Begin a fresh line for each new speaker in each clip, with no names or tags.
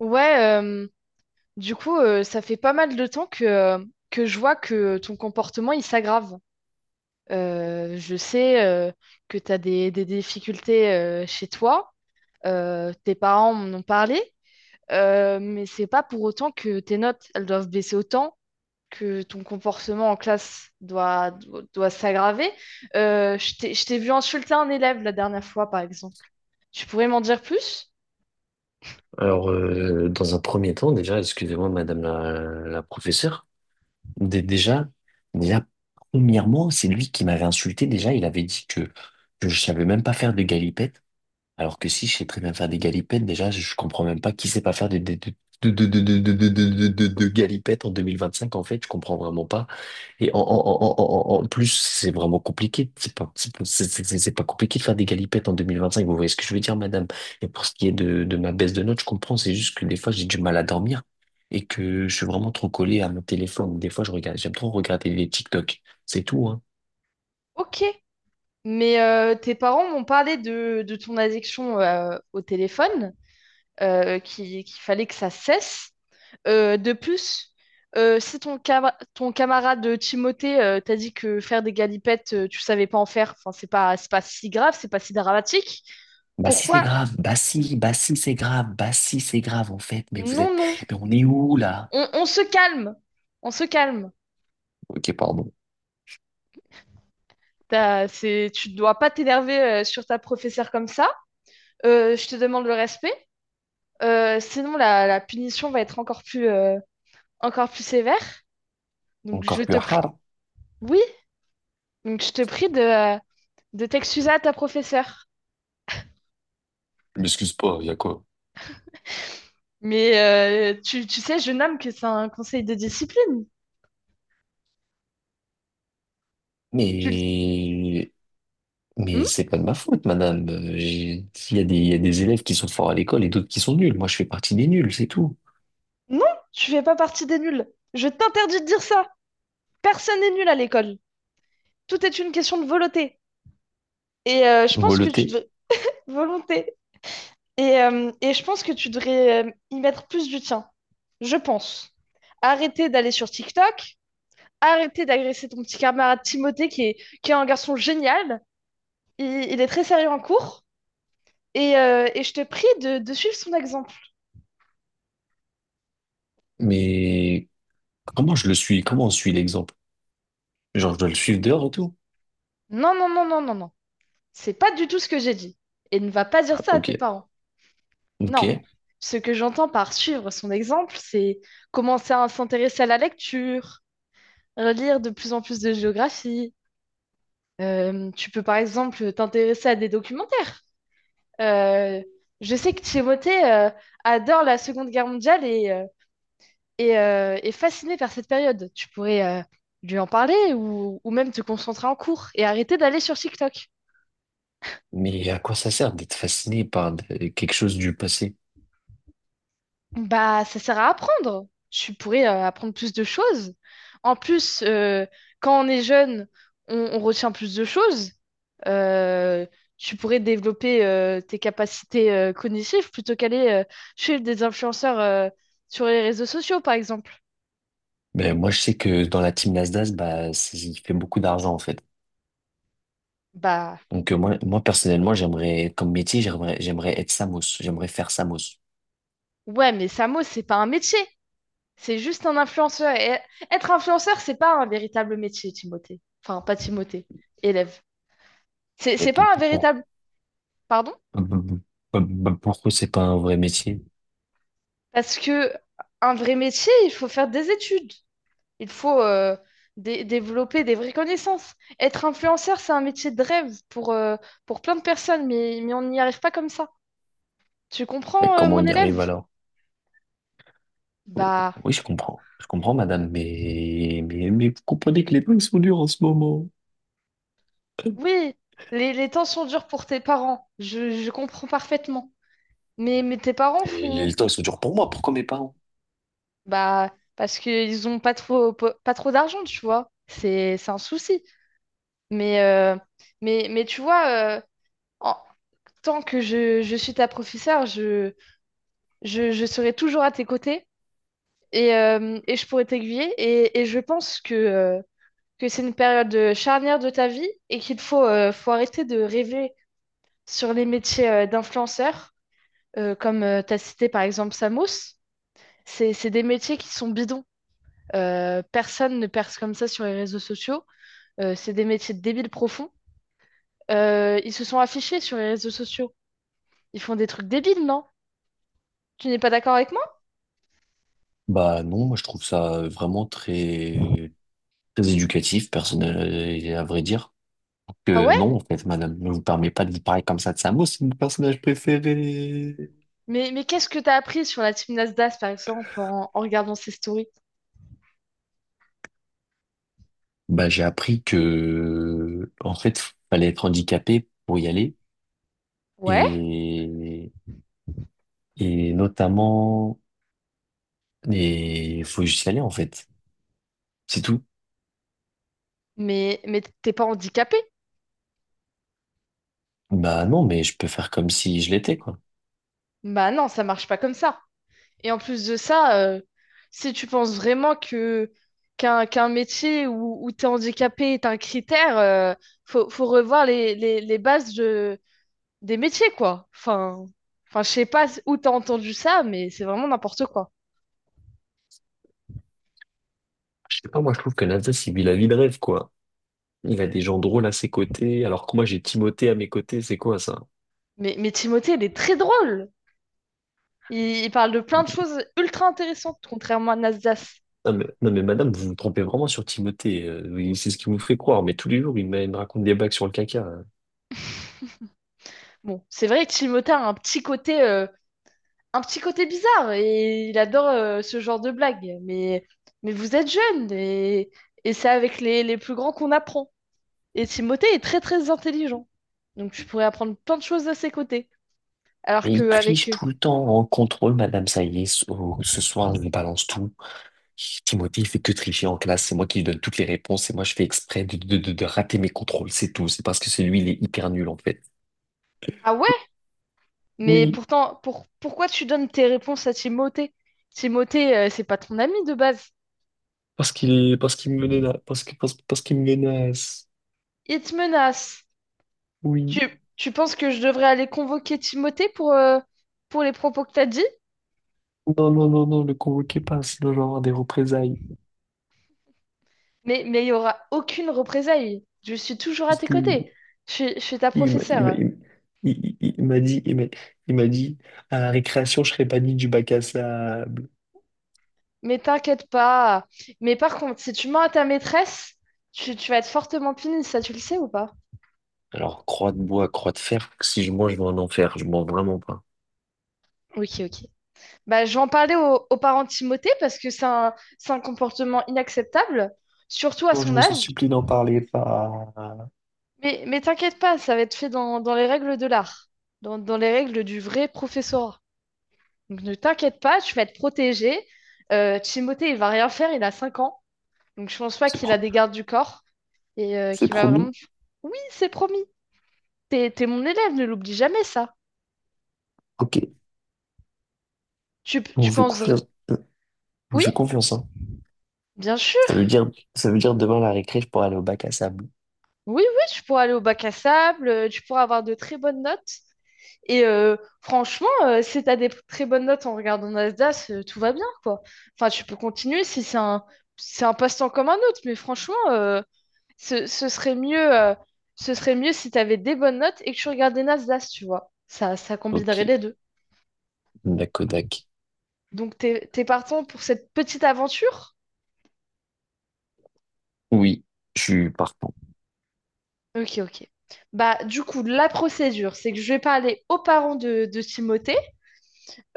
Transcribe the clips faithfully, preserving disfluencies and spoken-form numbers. Ouais, euh, du coup, euh, ça fait pas mal de temps que, euh, que je vois que ton comportement, il s'aggrave. Euh, je sais euh, que tu as des, des difficultés euh, chez toi, euh, tes parents m'en ont parlé, euh, mais c'est pas pour autant que tes notes, elles doivent baisser autant, que ton comportement en classe doit, doit, doit s'aggraver. Euh, je t'ai, je t'ai vu insulter un élève la dernière fois, par exemple. Tu pourrais m'en dire plus?
Alors, euh, dans un premier temps, déjà, excusez-moi, madame la, la professeure. Dé- déjà, déjà, Premièrement, c'est lui qui m'avait insulté. Déjà, il avait dit que, que je savais même pas faire de galipettes, alors que si, je sais très bien faire des galipettes. Déjà, je comprends même pas qui sait pas faire de, de, de, de, de, de, de, de, de, de- de- de galipettes en deux mille vingt-cinq, en fait. Je comprends vraiment pas. Et en, en, en, en, en en plus, c'est vraiment compliqué. C'est pas, c'est pas c'est- c'est- c'est pas compliqué de faire des galipettes en deux mille vingt-cinq. Vous voyez ce que je veux dire, madame? Et pour ce qui est de, de ma baisse de notes, je comprends. C'est juste que des fois, j'ai du mal à dormir et que je suis vraiment trop collé à mon téléphone. Des fois, je regarde, j'aime trop regarder les TikTok. C'est tout, hein.
Ok. Mais euh, tes parents m'ont parlé de, de ton addiction euh, au téléphone, euh, qui- qu'il fallait que ça cesse. Euh, de plus, euh, si ton, cama- ton camarade Timothée euh, t'a dit que faire des galipettes, euh, tu savais pas en faire, enfin, c'est pas, c'est pas si grave, c'est pas si dramatique,
Bah si, c'est
pourquoi?
grave. Bah si, bah si, c'est grave. Bah si, c'est grave, en fait. Mais vous
Non,
êtes,
non,
mais on est où, là?
on, on se calme, on se calme.
Ok, pardon.
T'as- c'est, tu ne dois pas t'énerver euh, sur ta professeure comme ça. Euh, je te demande le respect. Euh, sinon, la, la punition va être encore plus, euh, encore plus sévère. Donc je
Encore plus
te prie,
hard.
oui, donc je te prie de, de t'excuser à ta professeure.
M'excuse pas, il y a quoi?
Mais euh, tu, tu sais, je nomme que c'est un conseil de discipline. Tu le-
Mais
Hmm.
Mais c'est pas de ma faute, madame. Euh, j'ai- il y a des, il y a des élèves qui sont forts à l'école et d'autres qui sont nuls. Moi, je fais partie des nuls, c'est tout.
Non, tu fais pas partie des nuls. Je t'interdis de dire ça. Personne n'est nul à l'école. Tout est une question de volonté. Et euh, je pense que tu
Voleté.
devrais… Volonté. Et, euh, et je pense que tu devrais euh, y mettre plus du tien. Je pense. Arrêtez d'aller sur TikTok, arrêtez d'agresser ton petit camarade Timothée qui est, qui est un garçon génial. Il, il est très sérieux en cours et, euh, et je te prie de, de suivre son exemple.
Mais comment je le suis? Comment on suit l'exemple? Genre, je dois le suivre dehors et tout?
Non, non, non, non, non, non. C'est pas du tout ce que j'ai dit. Et ne va pas dire
Ah,
ça à
ok.
tes parents.
Ok.
Non. Ce que j'entends par suivre son exemple, c'est commencer à s'intéresser à la lecture, relire de plus en plus de géographie. Euh, tu peux par exemple t'intéresser à des documentaires. Euh, je sais que Timothée euh, adore la Seconde Guerre mondiale et, euh, et, euh, et fasciné par cette période. Tu pourrais euh, lui en parler ou, ou même te concentrer en cours et arrêter d'aller sur TikTok.
Mais à quoi ça sert d'être fasciné par de- quelque chose du passé?
Bah, ça sert à apprendre. Tu pourrais euh, apprendre plus de choses. En plus, euh, quand on est jeune, on, on retient plus de choses. Euh, tu pourrais développer euh, tes capacités euh, cognitives plutôt qu'aller euh, chez des influenceurs euh, sur les réseaux sociaux, par exemple.
Ben, moi, je sais que dans la team Nasdaq, bah, c'est- il fait beaucoup d'argent, en fait.
Bah,
Donc, euh, moi, moi, personnellement, j'aimerais, comme métier, j'aimerais, j'aimerais être Samos. J'aimerais faire Samos.
ouais, mais Samo, c'est pas un métier. C'est juste un influenceur. Et être influenceur, c'est pas un véritable métier, Timothée. Enfin, pas Timothée, élève. C'est,
Et
c'est
p-
pas un
p-
véritable. Pardon?
bah, bah, bah, bah, bah, pourquoi c'est pas un vrai métier?
Parce que un vrai métier, il faut faire des études. Il faut euh, dé- développer des vraies connaissances. Être influenceur, c'est un métier de rêve pour, euh, pour plein de personnes, mais, mais on n'y arrive pas comme ça. Tu
Et
comprends, euh,
comment
mon
on y arrive
élève?
alors? Euh,
Bah
Oui, je comprends. Je comprends, madame, mais, mais, mais vous comprenez que les temps, ils sont durs en ce moment.
oui, les, les temps sont durs pour tes parents. Je, je comprends parfaitement. Mais, mais tes parents
Et
font,
les temps, ils sont durs pour moi, pourquoi mes parents?
Bah, parce qu'ils ont pas trop, po- pas trop d'argent, tu vois. C'est, c'est un souci. Mais, euh, mais, mais tu vois, euh, en tant que je, je suis ta professeure, je, je, je serai toujours à tes côtés et, euh, et je pourrai t'aiguiller. Et, et je pense que, euh, que c'est une période charnière de ta vie et qu'il faut, euh, faut arrêter de rêver sur les métiers euh, d'influenceurs, euh, comme tu as cité par exemple Samos. C'est, c'est des métiers qui sont bidons. Euh, personne ne perce comme ça sur les réseaux sociaux. Euh, c'est des métiers de débiles profonds. Euh, ils se sont affichés sur les réseaux sociaux. Ils font des trucs débiles, non? Tu n'es pas d'accord avec moi?
Bah non, moi je trouve ça vraiment très, très éducatif, personnel, et à vrai dire.
Ah
Que
ouais?
non, en fait, madame, ne vous permet pas de vous parler comme ça de Samo, c'est mon personnage préféré.
Mais, mais qu'est-ce que t'as appris sur la team Nasdaq, par exemple, en, en regardant ses stories?
Bah, j'ai appris que, en fait, fallait être handicapé pour y aller.
Ouais,
Et, et notamment, il faut juste y aller, en fait. C'est tout.
mais, mais t'es pas handicapé?
Bah, non, mais je peux faire comme si je l'étais, quoi.
Bah non, ça marche pas comme ça. Et en plus de ça, euh, si tu penses vraiment que qu'un qu'un métier où, où t'es handicapé est un critère, euh, faut, faut revoir les, les, les bases de, des métiers, quoi. Enfin, enfin, je sais pas où t'as entendu ça, mais c'est vraiment n'importe quoi.
Je sais pas, moi, je trouve que Nasdaq, il vit la vie de rêve, quoi. Il a des gens drôles à ses côtés, alors que moi, j'ai Timothée à mes côtés, c'est quoi, ça?
Mais, mais Timothée, il est très drôle. Il, il parle de plein de choses ultra intéressantes, contrairement à Nasdas.
Non mais, non mais madame, vous vous trompez vraiment sur Timothée. Euh, oui, c'est ce qui vous fait croire. Mais tous les jours, il me, il me raconte des blagues sur le caca, hein.
Bon, c'est vrai que Timothée a un petit côté, euh, un petit côté bizarre et il adore euh, ce genre de blagues. Mais, mais vous êtes jeune et, et c'est avec les, les plus grands qu'on apprend. Et Timothée est très très intelligent. Donc tu pourrais apprendre plein de choses de ses côtés. Alors
Mais il triche
qu'avec…
tout le temps en contrôle, madame. Ça y est, ce ce soir, je lui balance tout. Timothée, il fait que tricher en classe. C'est moi qui lui donne toutes les réponses. Et moi, je fais exprès de, de, de, de rater mes contrôles. C'est tout. C'est parce que c'est lui, il est hyper nul, en fait.
Ah ouais? Mais
Oui,
pourtant, pour, pourquoi tu donnes tes réponses à Timothée? Timothée, euh, c'est pas ton ami de base.
parce qu'il est, parce qu'il me menace. Parce que, parce, parce qu'il me menace.
Il te menace. Tu,
Oui.
tu penses que je devrais aller convoquer Timothée pour, euh, pour les propos que t'as dit?
Non, non, non, non, le convoquez pas, sinon je vais avoir des représailles.
Mais, mais il n'y aura aucune représailles. Je suis toujours à tes
Si,
côtés. Je, suis- je suis ta
Il m'a il m'a-
professeure.
il- il- il- il m'a dit, il m'a il m'a dit, à la récréation, je serais pas dit du bac à sable.
Mais t'inquiète pas. Mais par contre, si tu mens à ta maîtresse, tu, tu vas être fortement punie, ça tu le sais ou pas?
Alors, croix de bois, croix de fer, si je mange, je vais en enfer. Je mens vraiment pas.
Ok, ok. Bah, je vais en parler aux, aux parents de Timothée parce que c'est un, c'est un comportement inacceptable, surtout à
Non, je-
son âge. Mais, mais t'inquiète pas, ça va être fait dans, dans les règles de l'art, dans, dans les règles du vrai professorat. Donc ne t'inquiète pas, tu vas être protégé. Euh, Timothée, il va rien faire, il a cinq ans. Donc je pense pas
c'est
qu'il a
pro-
des gardes du corps et euh,
c'est
qu'il va vraiment…
promis?
Oui, c'est promis. T'es, t'es mon élève, ne l'oublie jamais ça.
Ok,
Tu,
on
tu
vous fait
penses…
confiance. On vous fait
Oui,
confiance, hein.
bien
Ça
sûr.
veut dire, Ça veut dire demain à la récré, je pourrais aller au bac à sable.
Oui, oui, tu pourras aller au bac à sable, euh, tu pourras avoir de très bonnes notes. Et euh, franchement, euh, si tu as des très bonnes notes en regardant Nasdaq, euh, tout va bien, quoi. Enfin, tu peux continuer si c'est un, c'est un passe-temps comme un autre, mais franchement, euh, ce, ce serait mieux, euh, ce serait mieux si tu avais des bonnes notes et que tu regardais Nasdaq, tu vois. Ça, ça
Ok,
combinerait les deux.
Nakodak.
Donc, t'es, t'es partant pour cette petite aventure?
Oui, je suis partant.
Ok, ok. Bah, du coup, la procédure, c'est que je vais parler aux parents de, de Timothée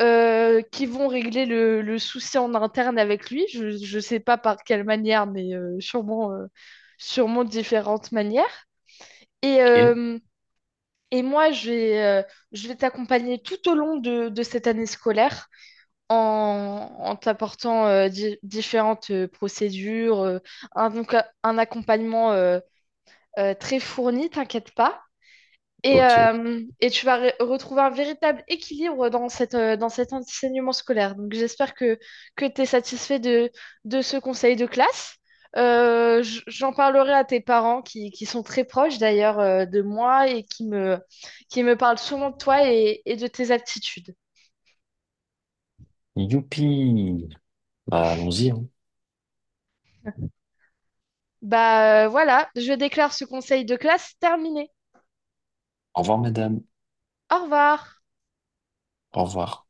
euh, qui vont régler le, le souci en interne avec lui. Je ne sais pas par quelle manière, mais euh, sûrement, euh, sûrement différentes manières. Et,
Ok,
euh, et moi, je vais, euh, je vais t'accompagner tout au long de, de cette année scolaire en, en t'apportant euh, di- différentes euh, procédures, euh, un, donc, un accompagnement euh, euh, très fourni, t'inquiète pas. Et,
ok.
euh, et tu vas re- retrouver un véritable équilibre dans cette, euh, dans cet enseignement scolaire. Donc j'espère que, que tu es satisfait de, de ce conseil de classe. Euh, j- j'en parlerai à tes parents qui, qui sont très proches d'ailleurs euh, de moi et qui me, qui me parlent souvent de toi et, et de tes aptitudes.
Youpi! Bah, allons-y, hein.
Bah euh, voilà, je déclare ce conseil de classe terminé.
Au revoir, madame.
Au revoir.
Au revoir.